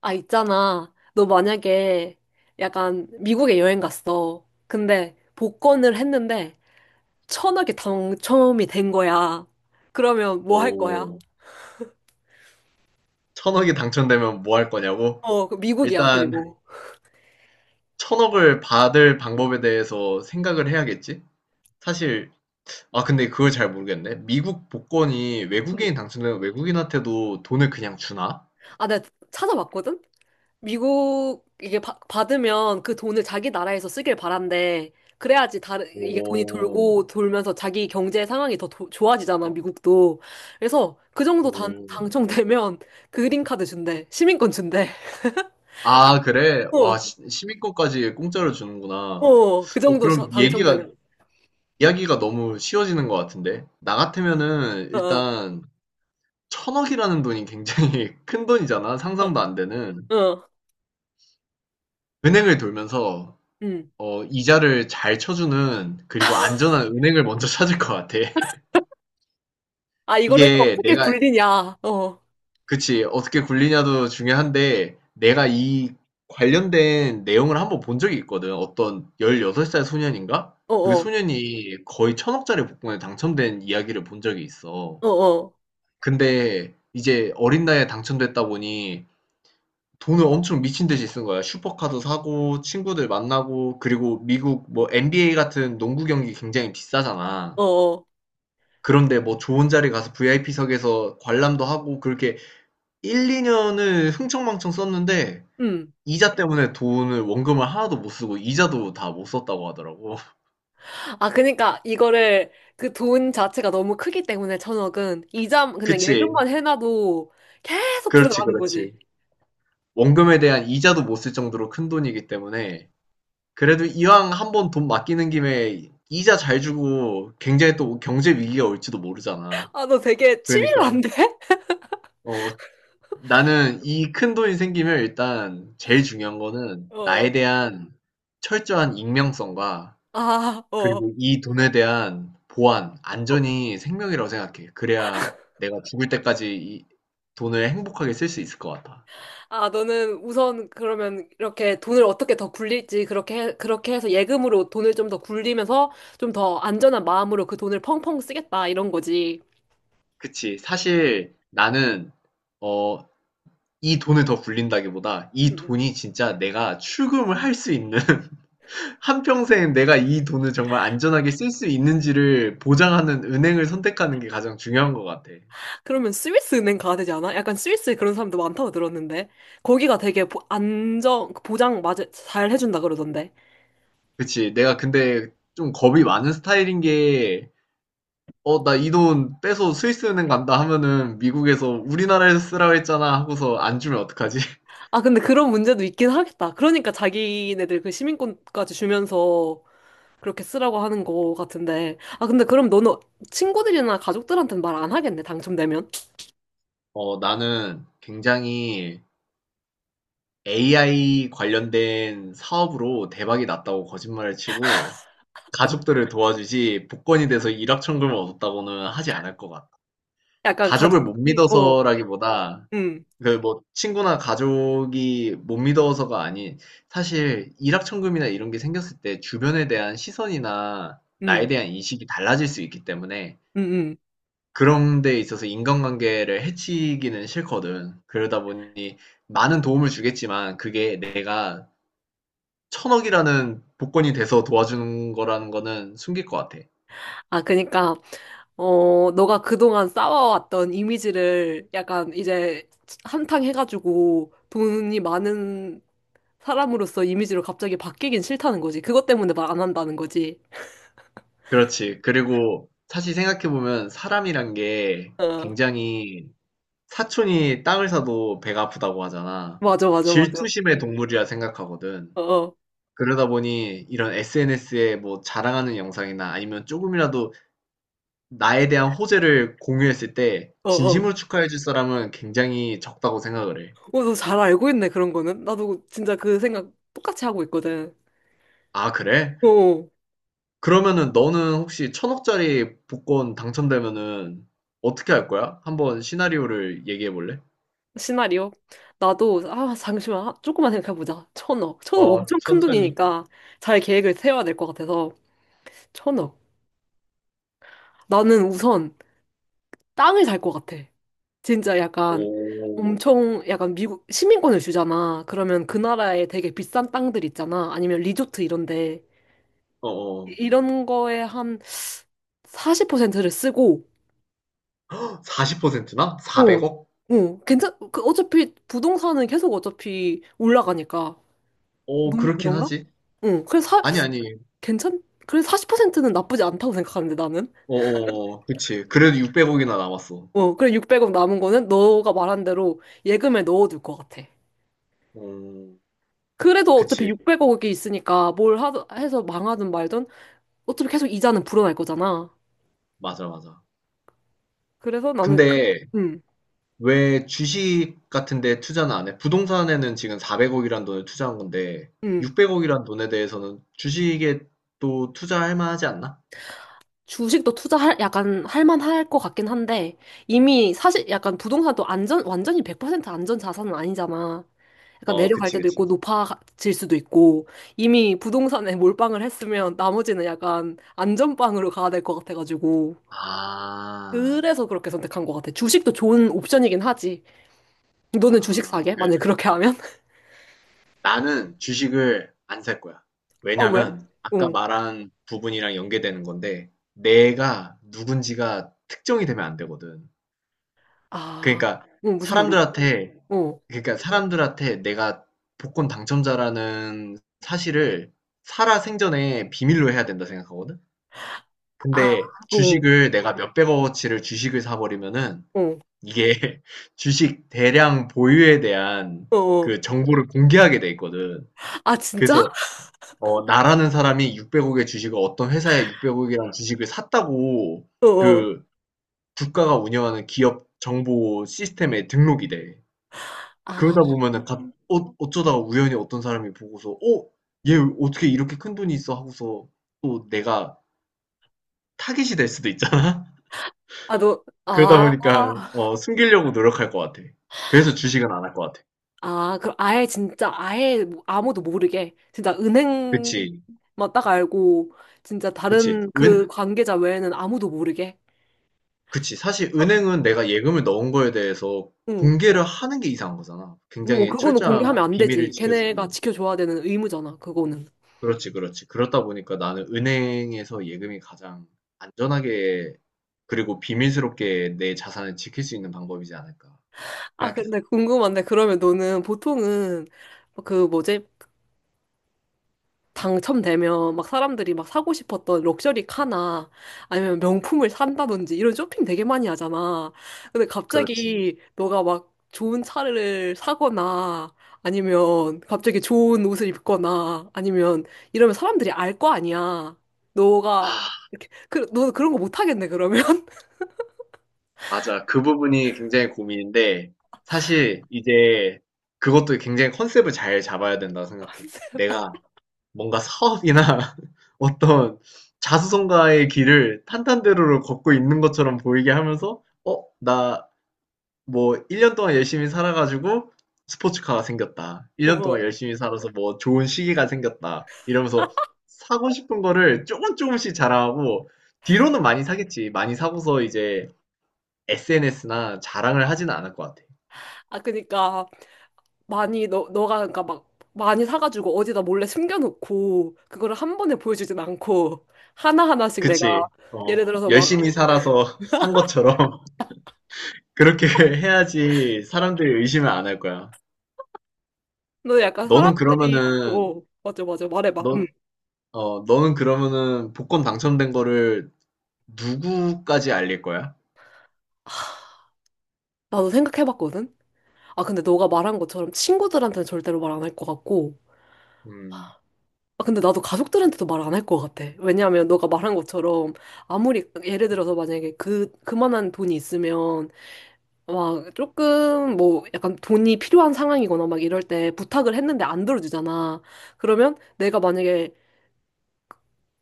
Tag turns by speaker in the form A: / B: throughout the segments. A: 아, 있잖아. 너 만약에 약간 미국에 여행 갔어. 근데 복권을 했는데 1,000억이 당첨이 된 거야. 그러면 뭐 할 거야?
B: 오, 천억이 당첨되면 뭐 할 거냐고?
A: 어, 어, 그 미국이야,
B: 일단,
A: 그리고.
B: 천억을 받을 방법에 대해서 생각을 해야겠지? 사실, 근데 그걸 잘 모르겠네. 미국 복권이
A: 음.
B: 외국인이 당첨되면 외국인한테도 돈을 그냥 주나?
A: 아, 내가 찾아봤거든? 미국 이게 받으면 그 돈을 자기 나라에서 쓰길 바란대. 그래야지 다른, 이게 돈이
B: 오,
A: 돌고 돌면서 자기 경제 상황이 더 좋아지잖아,
B: 어,
A: 미국도. 그래서 그 정도 당,
B: 오.
A: 당첨되면 그린카드 준대. 시민권 준대.
B: 아, 그래? 와,
A: 어.
B: 시민권까지 공짜로 주는구나.
A: 어, 그 정도
B: 그럼
A: 당첨되면.
B: 이야기가 너무 쉬워지는 것 같은데? 나 같으면은,
A: 어, 어,
B: 일단, 천억이라는 돈이 굉장히 큰 돈이잖아. 상상도 안 되는.
A: 어, 어,
B: 은행을 돌면서
A: 음.
B: 이자를 잘 쳐 주는 그리고 안전한 은행을 먼저 찾을 것 같아.
A: 아, 이거를 또
B: 이게
A: 어떻게
B: 내가
A: 굴리냐. 어, 어,
B: 그치. 어떻게 굴리냐도 중요한데 내가 이 관련된 내용을 한번 본 적이 있거든. 어떤 16살 소년인가? 그
A: 어,
B: 소년이 거의 1,000 억짜리 복권에 당첨된 이야기를 본 적이 있어.
A: 어, 어,
B: 근데 이제 어린 나이에 당첨됐다 보니 돈을 엄청 미친 듯이 쓴 거야. 슈퍼카도 사고 친구들 만나고 그리고 미국 뭐 NBA 같은 농구 경기 굉장히 비싸잖아.
A: 어, 어.
B: 그런데 뭐 좋은 자리 가서 VIP석에서 관람도 하고 그렇게 1, 2년을 흥청망청 썼는데
A: 음.
B: 이자 때문에 돈을 원금을 하나도 못 쓰고 이자도 다 못 썼다고 하더라고.
A: 아, 그러니까 이거를 그 돈 자체가 너무 크기 때문에 1,000억은 이자 그냥
B: 그치.
A: 예금만 해놔도 계속
B: 그렇지,
A: 불어나는
B: 그렇지.
A: 거지.
B: 원금에 대한 이자도 못 쓸 정도로 큰 돈이기 때문에 그래도 이왕 한번 돈 맡기는 김에 이자 잘 주고 굉장히 또 경제 위기가 올지도 모르잖아.
A: 아, 너 되게
B: 그러니까
A: 치밀한데?
B: 어 나는 이 큰 돈이 생기면 일단 제일 중요한 거는 나에
A: 어,
B: 대한 철저한 익명성과
A: 아, 어.
B: 그리고 이 돈에 대한 보안,
A: 어.
B: 안전이 생명이라고 생각해. 그래야 내가 죽을 때까지 이 돈을 행복하게 쓸 수 있을 것 같아.
A: 아, 너는 우선 그러면 이렇게 돈을 어떻게 더 굴릴지 그렇게 해서 예금으로 돈을 좀 더 굴리면서 좀 더 안전한 마음으로 그 돈을 펑펑 쓰겠다 이런 거지.
B: 그치. 사실 나는 어 이 돈을 더 굴린다기보다 이
A: 음, 음.
B: 돈이 진짜 내가 출금을 할 수 있는 한평생 내가 이 돈을 정말 안전하게 쓸 수 있는지를 보장하는 은행을 선택하는 게 가장 중요한 것 같아.
A: 그러면 스위스 은행 가야 되지 않아? 약간 스위스 그런 사람도 많다고 들었는데 거기가 되게 안정 그 보장 맞아 잘 해준다 그러던데.
B: 그치. 내가 근데 좀 겁이 많은 스타일인 게, 나 이 돈 빼서 스위스 은행 간다 하면은 미국에서 우리나라에서 쓰라고 했잖아 하고서 안 주면 어떡하지?
A: 아, 근데 그런 문제도 있긴 하겠다. 그러니까 자기네들 그 시민권까지 주면서 그렇게 쓰라고 하는 거 같은데. 아, 근데 그럼 너는 친구들이나 가족들한테는 말 안 하겠네 당첨되면?
B: 나는 굉장히 AI 관련된 사업으로 대박이 났다고 거짓말을 치고 가족들을 도와주지 복권이 돼서 일확천금을 얻었다고는 하지 않을 것 같아.
A: 약간
B: 가족을 못
A: 가족들이, 어,
B: 믿어서라기보다
A: 음,
B: 그 뭐 친구나 가족이 못 믿어서가 아닌 사실 일확천금이나 이런 게 생겼을 때 주변에 대한 시선이나 나에
A: 음,
B: 대한 인식이 달라질 수 있기 때문에
A: 음, 음.
B: 그런 데 있어서 인간관계를 해치기는 싫거든. 그러다 보니 많은 도움을 주겠지만 그게 내가 천억이라는 복권이 돼서 도와주는 거라는 거는 숨길 것 같아.
A: 아, 그니까, 어, 너가 그동안 쌓아왔던 이미지를 약간 이제 한탕 해가지고 돈이 많은 사람으로서 이미지로 갑자기 바뀌긴 싫다는 거지. 그것 때문에 말 안 한다는 거지.
B: 그렇지. 그리고 사실 생각해보면 사람이란 게
A: 어,
B: 굉장히 사촌이 땅을 사도 배가 아프다고 하잖아.
A: 맞아, 맞아, 맞아. 어,
B: 질투심의 동물이라 생각하거든.
A: 어,
B: 그러다 보니 이런 SNS에 뭐 자랑하는 영상이나 아니면 조금이라도 나에 대한 호재를 공유했을 때
A: 어, 어.
B: 진심으로 축하해줄 사람은 굉장히 적다고 생각을 해.
A: 어, 너 잘 알고 있네, 그런 거는. 나도 진짜 그 생각 똑같이 하고 있거든.
B: 아, 그래?
A: 어.
B: 그러면은 너는 혹시 천억짜리 복권 당첨되면은 어떻게 할 거야? 한번 시나리오를 얘기해 볼래?
A: 시나리오? 나도, 아, 잠시만. 아, 조금만 생각해보자. 1,000억. 1,000억
B: 어,
A: 엄청 큰
B: 천천히.
A: 돈이니까 잘 계획을 세워야 될 것 같아서. 1,000억. 나는 우선 땅을 살 것 같아. 진짜 약간
B: 오,
A: 엄청, 약간 미국 시민권을 주잖아. 그러면 그 나라에 되게 비싼 땅들 있잖아. 아니면 리조트 이런데.
B: 어, 어.
A: 이런 거에 한 40%를 쓰고,
B: 40%나?
A: 응.
B: 400억?
A: 어, 그 어차피 부동산은 계속 어차피 올라가니까.
B: 오,
A: 너무
B: 그렇긴
A: 그런가?
B: 하지.
A: 응. 그래서
B: 아니, 아니.
A: 그래 40%는 나쁘지 않다고 생각하는데 나는.
B: 어어어. 그치. 그래도 600억이나 남았어.
A: 어, 그래 600억 남은 거는 너가 말한 대로 예금에 넣어둘 것 같아.
B: 어,
A: 그래도 어차피
B: 그치.
A: 600억이 있으니까 뭘 해서 망하든 말든 어차피 계속 이자는 불어날 거잖아.
B: 맞아, 맞아.
A: 그래서 나는,
B: 근데
A: 음,
B: 왜 주식 같은 데 투자는 안 해? 부동산에는 지금 400억이란 돈을 투자한 건데,
A: 음.
B: 600억이란 돈에 대해서는 주식에 또 투자할 만하지 않나?
A: 주식도 투자할 약간 할 만할 것 같긴 한데 이미 사실 약간 부동산도 안전 완전히 100% 안전 자산은 아니잖아. 약간
B: 어,
A: 내려갈
B: 그치,
A: 때도
B: 그치.
A: 있고 높아질 수도 있고 이미 부동산에 몰빵을 했으면 나머지는 약간 안전빵으로 가야 될 것 같아가지고
B: 아,
A: 그래서 그렇게 선택한 것 같아. 주식도 좋은 옵션이긴 하지. 너는 주식
B: 아,
A: 사게?
B: 그,
A: 만약에 그렇게 하면?
B: 나는 주식을 안 살 거야.
A: 어, 왜?
B: 왜냐면, 아까
A: 응.
B: 말한 부분이랑 연계되는 건데, 내가 누군지가 특정이 되면 안 되거든.
A: 아,
B: 그러니까
A: 응, 무슨 말이지?
B: 사람들한테
A: 어.
B: 그러니까 사람들한테 내가 복권 당첨자라는 사실을 살아생전에 비밀로 해야 된다 생각하거든?
A: 아,
B: 근데
A: 어,
B: 주식을 내가 몇백억어치를 주식을 사버리면은
A: 어,
B: 이게 주식 대량 보유에 대한
A: 어, 어.
B: 그 정보를 공개하게 돼 있거든.
A: 아, 진짜?
B: 그래서 나라는 사람이 600억의 주식을 어떤 회사에 600억이라는 주식을 샀다고
A: 어, 어.
B: 그 국가가 운영하는 기업 정보 시스템에 등록이 돼.
A: 아.
B: 그러다 보면은 갑 어 어쩌다가 우연히 어떤 사람이 보고서 '어 얘 어떻게 이렇게 큰 돈이 있어?' 하고서 또 내가 타깃이 될 수도 있잖아.
A: 아, 너,
B: 그러다
A: 아,
B: 보니까 숨기려고 노력할 것 같아. 그래서 주식은 안 할 것 같아.
A: 아, 그럼 아예 진짜 아예 뭐 아무도 모르게 진짜 은행만
B: 그치.
A: 딱 알고 진짜
B: 그치.
A: 다른 그
B: 은
A: 관계자 외에는 아무도 모르게.
B: 그치. 사실
A: 어,
B: 은행은 내가 예금을 넣은 거에 대해서
A: 응,
B: 공개를 하는 게 이상한 거잖아.
A: 응,
B: 굉장히
A: 그거는
B: 철저한
A: 공개하면 안
B: 비밀을
A: 되지. 걔네가
B: 지켜주고.
A: 지켜줘야 되는 의무잖아, 그거는.
B: 그렇지, 그렇지. 그렇다 보니까 나는 은행에서 예금이 가장 안전하게 그리고 비밀스럽게 내 자산을 지킬 수 있는 방법이지 않을까
A: 아,
B: 생각했어.
A: 근데 궁금한데 그러면 너는 보통은 그 뭐지? 당첨되면 막 사람들이 막 사고 싶었던 럭셔리 카나 아니면 명품을 산다든지 이런 쇼핑 되게 많이 하잖아. 근데
B: 그렇지.
A: 갑자기 너가 막 좋은 차를 사거나 아니면 갑자기 좋은 옷을 입거나 아니면 이러면 사람들이 알 거 아니야. 너가
B: 아,
A: 이렇게 그, 너 그런 거 못 하겠네 그러면.
B: 맞아. 그 부분이 굉장히 고민인데 사실 이제 그것도 굉장히 컨셉을 잘 잡아야 된다고 생각해. 내가 뭔가 사업이나 어떤 자수성가의 길을 탄탄대로를 걷고 있는 것처럼 보이게 하면서 나 뭐 1년 동안 열심히 살아가지고 스포츠카가 생겼다. 1년 동안
A: 어.
B: 열심히 살아서 뭐 좋은 시기가 생겼다. 이러면서 사고 싶은 거를 조금 조금씩 자랑하고 뒤로는 많이 사겠지. 많이 사고서 이제 SNS나 자랑을 하지는 않을 것 같아.
A: 아, 그니까, 많이 너 너가 그러니까 막 많이 사가지고 어디다 몰래 숨겨놓고 그거를 한 번에 보여주진 않고 하나 하나씩 내가
B: 그치?
A: 예를 들어서
B: 열심히
A: 막
B: 살아서 산 것처럼 그렇게 해야지 사람들이 의심을 안 할 거야.
A: 너 약간
B: 너는
A: 사람들이
B: 그러면은
A: 어, 맞아, 맞아, 말해봐, 응.
B: 너, 너는 그러면은 복권 당첨된 거를 누구까지 알릴 거야?
A: 나도 생각해봤거든. 아, 근데 너가 말한 것처럼 친구들한테는 절대로 말 안 할 것 같고,
B: 음.
A: 아, 근데 나도 가족들한테도 말 안 할 것 같아. 왜냐하면 너가 말한 것처럼 아무리 예를 들어서 만약에 그 그만한 돈이 있으면 와, 조금 뭐 약간 돈이 필요한 상황이거나 막 이럴 때 부탁을 했는데 안 들어주잖아. 그러면 내가 만약에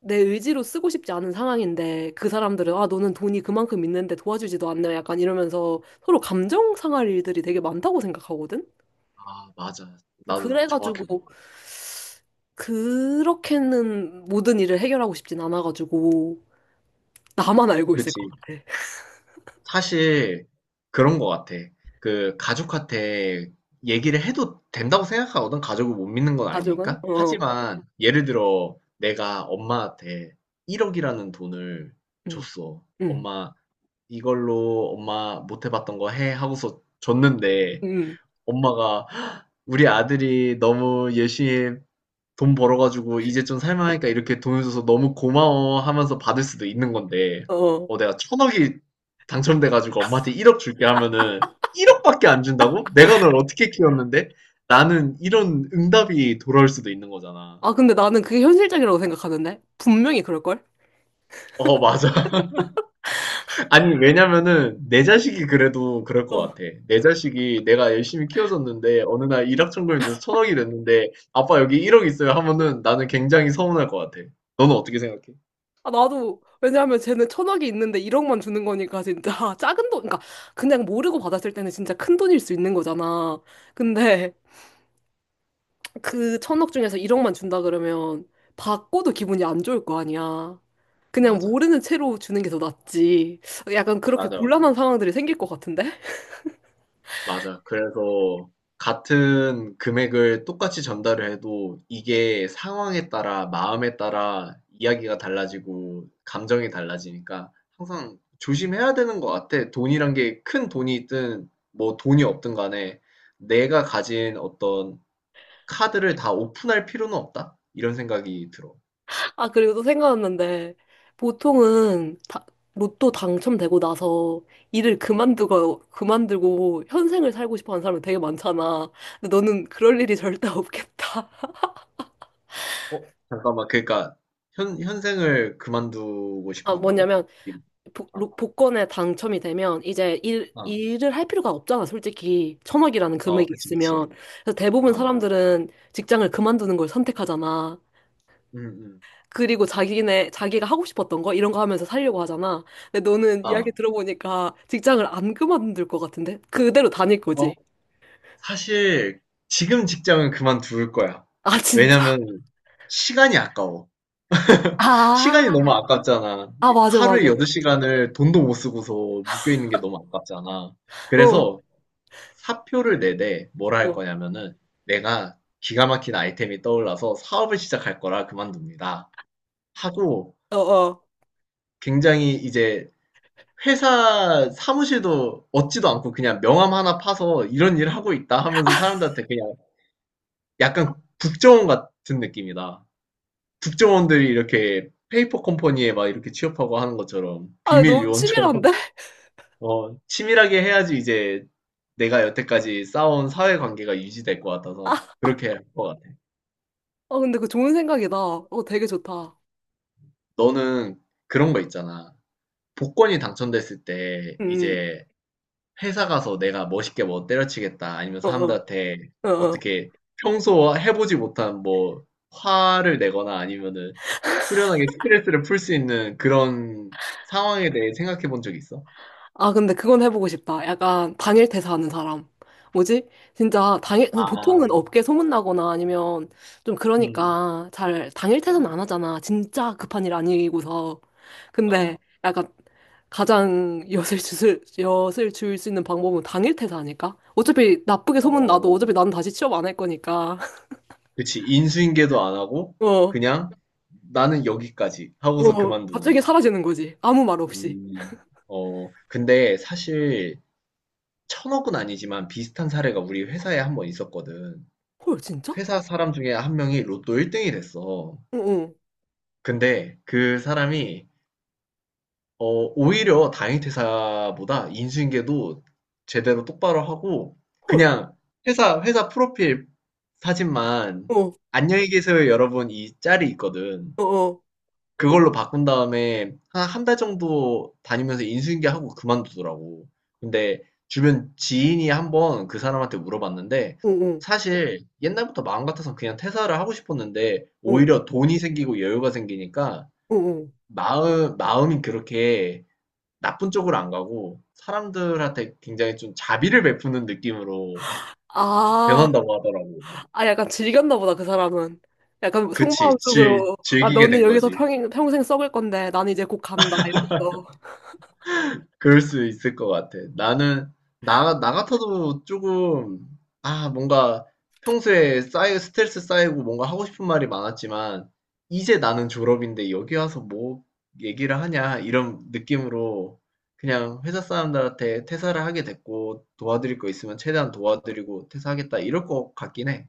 A: 내 의지로 쓰고 싶지 않은 상황인데 그 사람들은 아, 너는 돈이 그만큼 있는데 도와주지도 않네. 약간 이러면서 서로 감정 상할 일들이 되게 많다고 생각하거든.
B: 아, 맞아. 나도
A: 그래가지고
B: 정확히 공감.
A: 그렇게는 모든 일을 해결하고 싶진 않아가지고 나만 알고 있을 것
B: 그치.
A: 같아.
B: 사실 그런 것 같아. 그 가족한테 얘기를 해도 된다고 생각하거든. 가족을 못 믿는 건
A: 가족은?
B: 아니니까.
A: 어.
B: 하지만 예를 들어 내가 엄마한테 1억이라는 돈을
A: 응,
B: 줬어.
A: 응,
B: 엄마 이걸로 엄마 못 해봤던 거 해 하고서 줬는데
A: 응.
B: 엄마가 우리 아들이 너무 열심히 돈 벌어가지고 이제 좀 살만하니까 이렇게 돈을 줘서 너무 고마워 하면서 받을 수도 있는 건데,
A: 어.
B: 내가 천억이 당첨돼가지고 엄마한테 1억 줄게 하면은 1억밖에 안 준다고? 내가 널 어떻게 키웠는데? 나는 이런 응답이 돌아올 수도 있는 거잖아.
A: 아, 근데 나는 그게 현실적이라고 생각하는데? 분명히 그럴걸?
B: 어, 맞아. 아니, 왜냐면은 내 자식이 그래도 그럴 것
A: 어.
B: 같아. 내 자식이 내가 열심히 키워줬는데 어느 날 일확천금이 돼서 천억이 됐는데 아빠 여기 1억 있어요 하면은 나는 굉장히 서운할 것 같아. 너는 어떻게 생각해?
A: 아, 나도, 왜냐하면 쟤는 1,000억이 있는데 1억만 주는 거니까 진짜 작은 돈, 그러니까 그냥 모르고 받았을 때는 진짜 큰 돈일 수 있는 거잖아. 근데 그 1,000억 중에서 1억만 준다 그러면 받고도 기분이 안 좋을 거 아니야. 그냥
B: 맞아.
A: 모르는 채로 주는 게 더 낫지. 약간 그렇게
B: 맞아.
A: 곤란한 상황들이 생길 것 같은데?
B: 맞아. 그래서 같은 금액을 똑같이 전달을 해도 이게 상황에 따라, 마음에 따라 이야기가 달라지고 감정이 달라지니까 항상 조심해야 되는 것 같아. 돈이란 게 큰 돈이 있든 뭐 돈이 없든 간에 내가 가진 어떤 카드를 다 오픈할 필요는 없다. 이런 생각이 들어.
A: 아, 그리고 또 생각났는데, 보통은 다, 로또 당첨되고 나서 일을 그만두고 현생을 살고 싶어 하는 사람이 되게 많잖아. 근데 너는 그럴 일이 절대 없겠다.
B: 어? 잠깐만. 그러니까 현생을 그만두고
A: 아,
B: 싶어 한다고?
A: 뭐냐면, 복권에 당첨이 되면 이제 일,
B: 아, 아,
A: 일을 할 필요가 없잖아, 솔직히. 1,000억이라는
B: 어,
A: 금액이
B: 그치, 그치.
A: 있으면. 그래서 대부분
B: 아,
A: 사람들은 직장을 그만두는 걸 선택하잖아.
B: 음, 음.
A: 그리고 자기가 하고 싶었던 거, 이런 거 하면서 살려고 하잖아. 근데 너는 이야기
B: 아.
A: 들어보니까 직장을 안 그만둘 것 같은데? 그대로 다닐
B: 어,
A: 거지.
B: 사실 지금 직장은 그만둘 거야.
A: 아, 진짜?
B: 왜냐면 시간이 아까워. 시간이
A: 아,
B: 너무 아깝잖아.
A: 아, 맞아,
B: 하루에
A: 맞아. 어,
B: 8시간을 돈도 못 쓰고서 묶여있는 게 너무 아깝잖아. 그래서 사표를 내되 뭐라 할
A: 어,
B: 거냐면은 내가 기가 막힌 아이템이 떠올라서 사업을 시작할 거라 그만둡니다. 하고
A: 어, 어.
B: 굉장히 이제 회사 사무실도 얻지도 않고 그냥 명함 하나 파서 이런 일 하고 있다 하면서 사람들한테 그냥 약간 국정원 같은 느낌이다. 국정원들이 이렇게 페이퍼 컴퍼니에 막 이렇게 취업하고 하는 것처럼
A: 아,
B: 비밀
A: 너무
B: 요원처럼
A: 치밀한데?
B: 치밀하게 해야지 이제 내가 여태까지 쌓아온 사회 관계가 유지될 것 같아서
A: 아,
B: 그렇게 할 것 같아.
A: 어, 근데 그 좋은 생각이다. 어, 되게 좋다.
B: 너는 그런 거 있잖아. 복권이 당첨됐을 때
A: 음, 음.
B: 이제 회사 가서 내가 멋있게 뭐 때려치겠다 아니면
A: 어, 어,
B: 사람들한테
A: 어, 어.
B: 어떻게 평소 해보지 못한 뭐 화를 내거나 아니면은 후련하게 스트레스를 풀 수 있는 그런 상황에 대해 생각해 본 적 있어?
A: 아, 근데 그건 해보고 싶다. 약간 당일 퇴사하는 사람. 뭐지? 진짜 당일, 보통은
B: 아,
A: 업계 소문나거나 아니면 좀
B: 음,
A: 그러니까 잘 당일 퇴사는 안 하잖아. 진짜 급한 일 아니고서. 근데
B: 어,
A: 약간 가장 엿을 줄 수 있는 방법은 당일 퇴사 아닐까? 어차피 나쁘게 소문나도
B: 어.
A: 어차피 나는 다시 취업 안 할 거니까.
B: 그치. 인수인계도 안 하고
A: 어,
B: 그냥 나는 여기까지 하고서
A: 어,
B: 그만두는.
A: 갑자기 사라지는 거지. 아무 말 없이.
B: 음. 근데 사실 천억은 아니지만 비슷한 사례가 우리 회사에 한 번 있었거든.
A: 헐, 진짜?
B: 회사 사람 중에 한 명이 로또 1등이 됐어.
A: 응, 응,
B: 근데 그 사람이 어, 오히려 당일 퇴사보다 인수인계도 제대로 똑바로 하고
A: 헐.
B: 그냥 회사 프로필 사진만
A: 어,
B: 안녕히 계세요 여러분 이 짤이 있거든.
A: 어, 어,
B: 그걸로 바꾼 다음에 한 한 달 정도 다니면서 인수인계하고 그만두더라고. 근데 주변 지인이 한번 그 사람한테 물어봤는데
A: 응, 응,
B: 사실 옛날부터 마음 같아서 그냥 퇴사를 하고 싶었는데
A: 응,
B: 오히려 돈이 생기고 여유가 생기니까
A: 응, 응.
B: 마음이 그렇게 나쁜 쪽으로 안 가고 사람들한테 굉장히 좀 자비를 베푸는 느낌으로
A: 아,
B: 변한다고 하더라고.
A: 아, 약간 즐겼나 보다, 그 사람은. 약간
B: 그치.
A: 속마음속으로, 아,
B: 즐기게
A: 너는
B: 된
A: 여기서
B: 거지.
A: 평생 썩을 건데, 나는 이제 곧 간다, 이러면서.
B: 그럴 수 있을 것 같아. 나 같아도 조금, 아, 뭔가 평소에 스트레스 쌓이고 뭔가 하고 싶은 말이 많았지만, 이제 나는 졸업인데 여기 와서 뭐 얘기를 하냐, 이런 느낌으로 그냥 회사 사람들한테 퇴사를 하게 됐고, 도와드릴 거 있으면 최대한 도와드리고 퇴사하겠다, 이럴 것 같긴 해.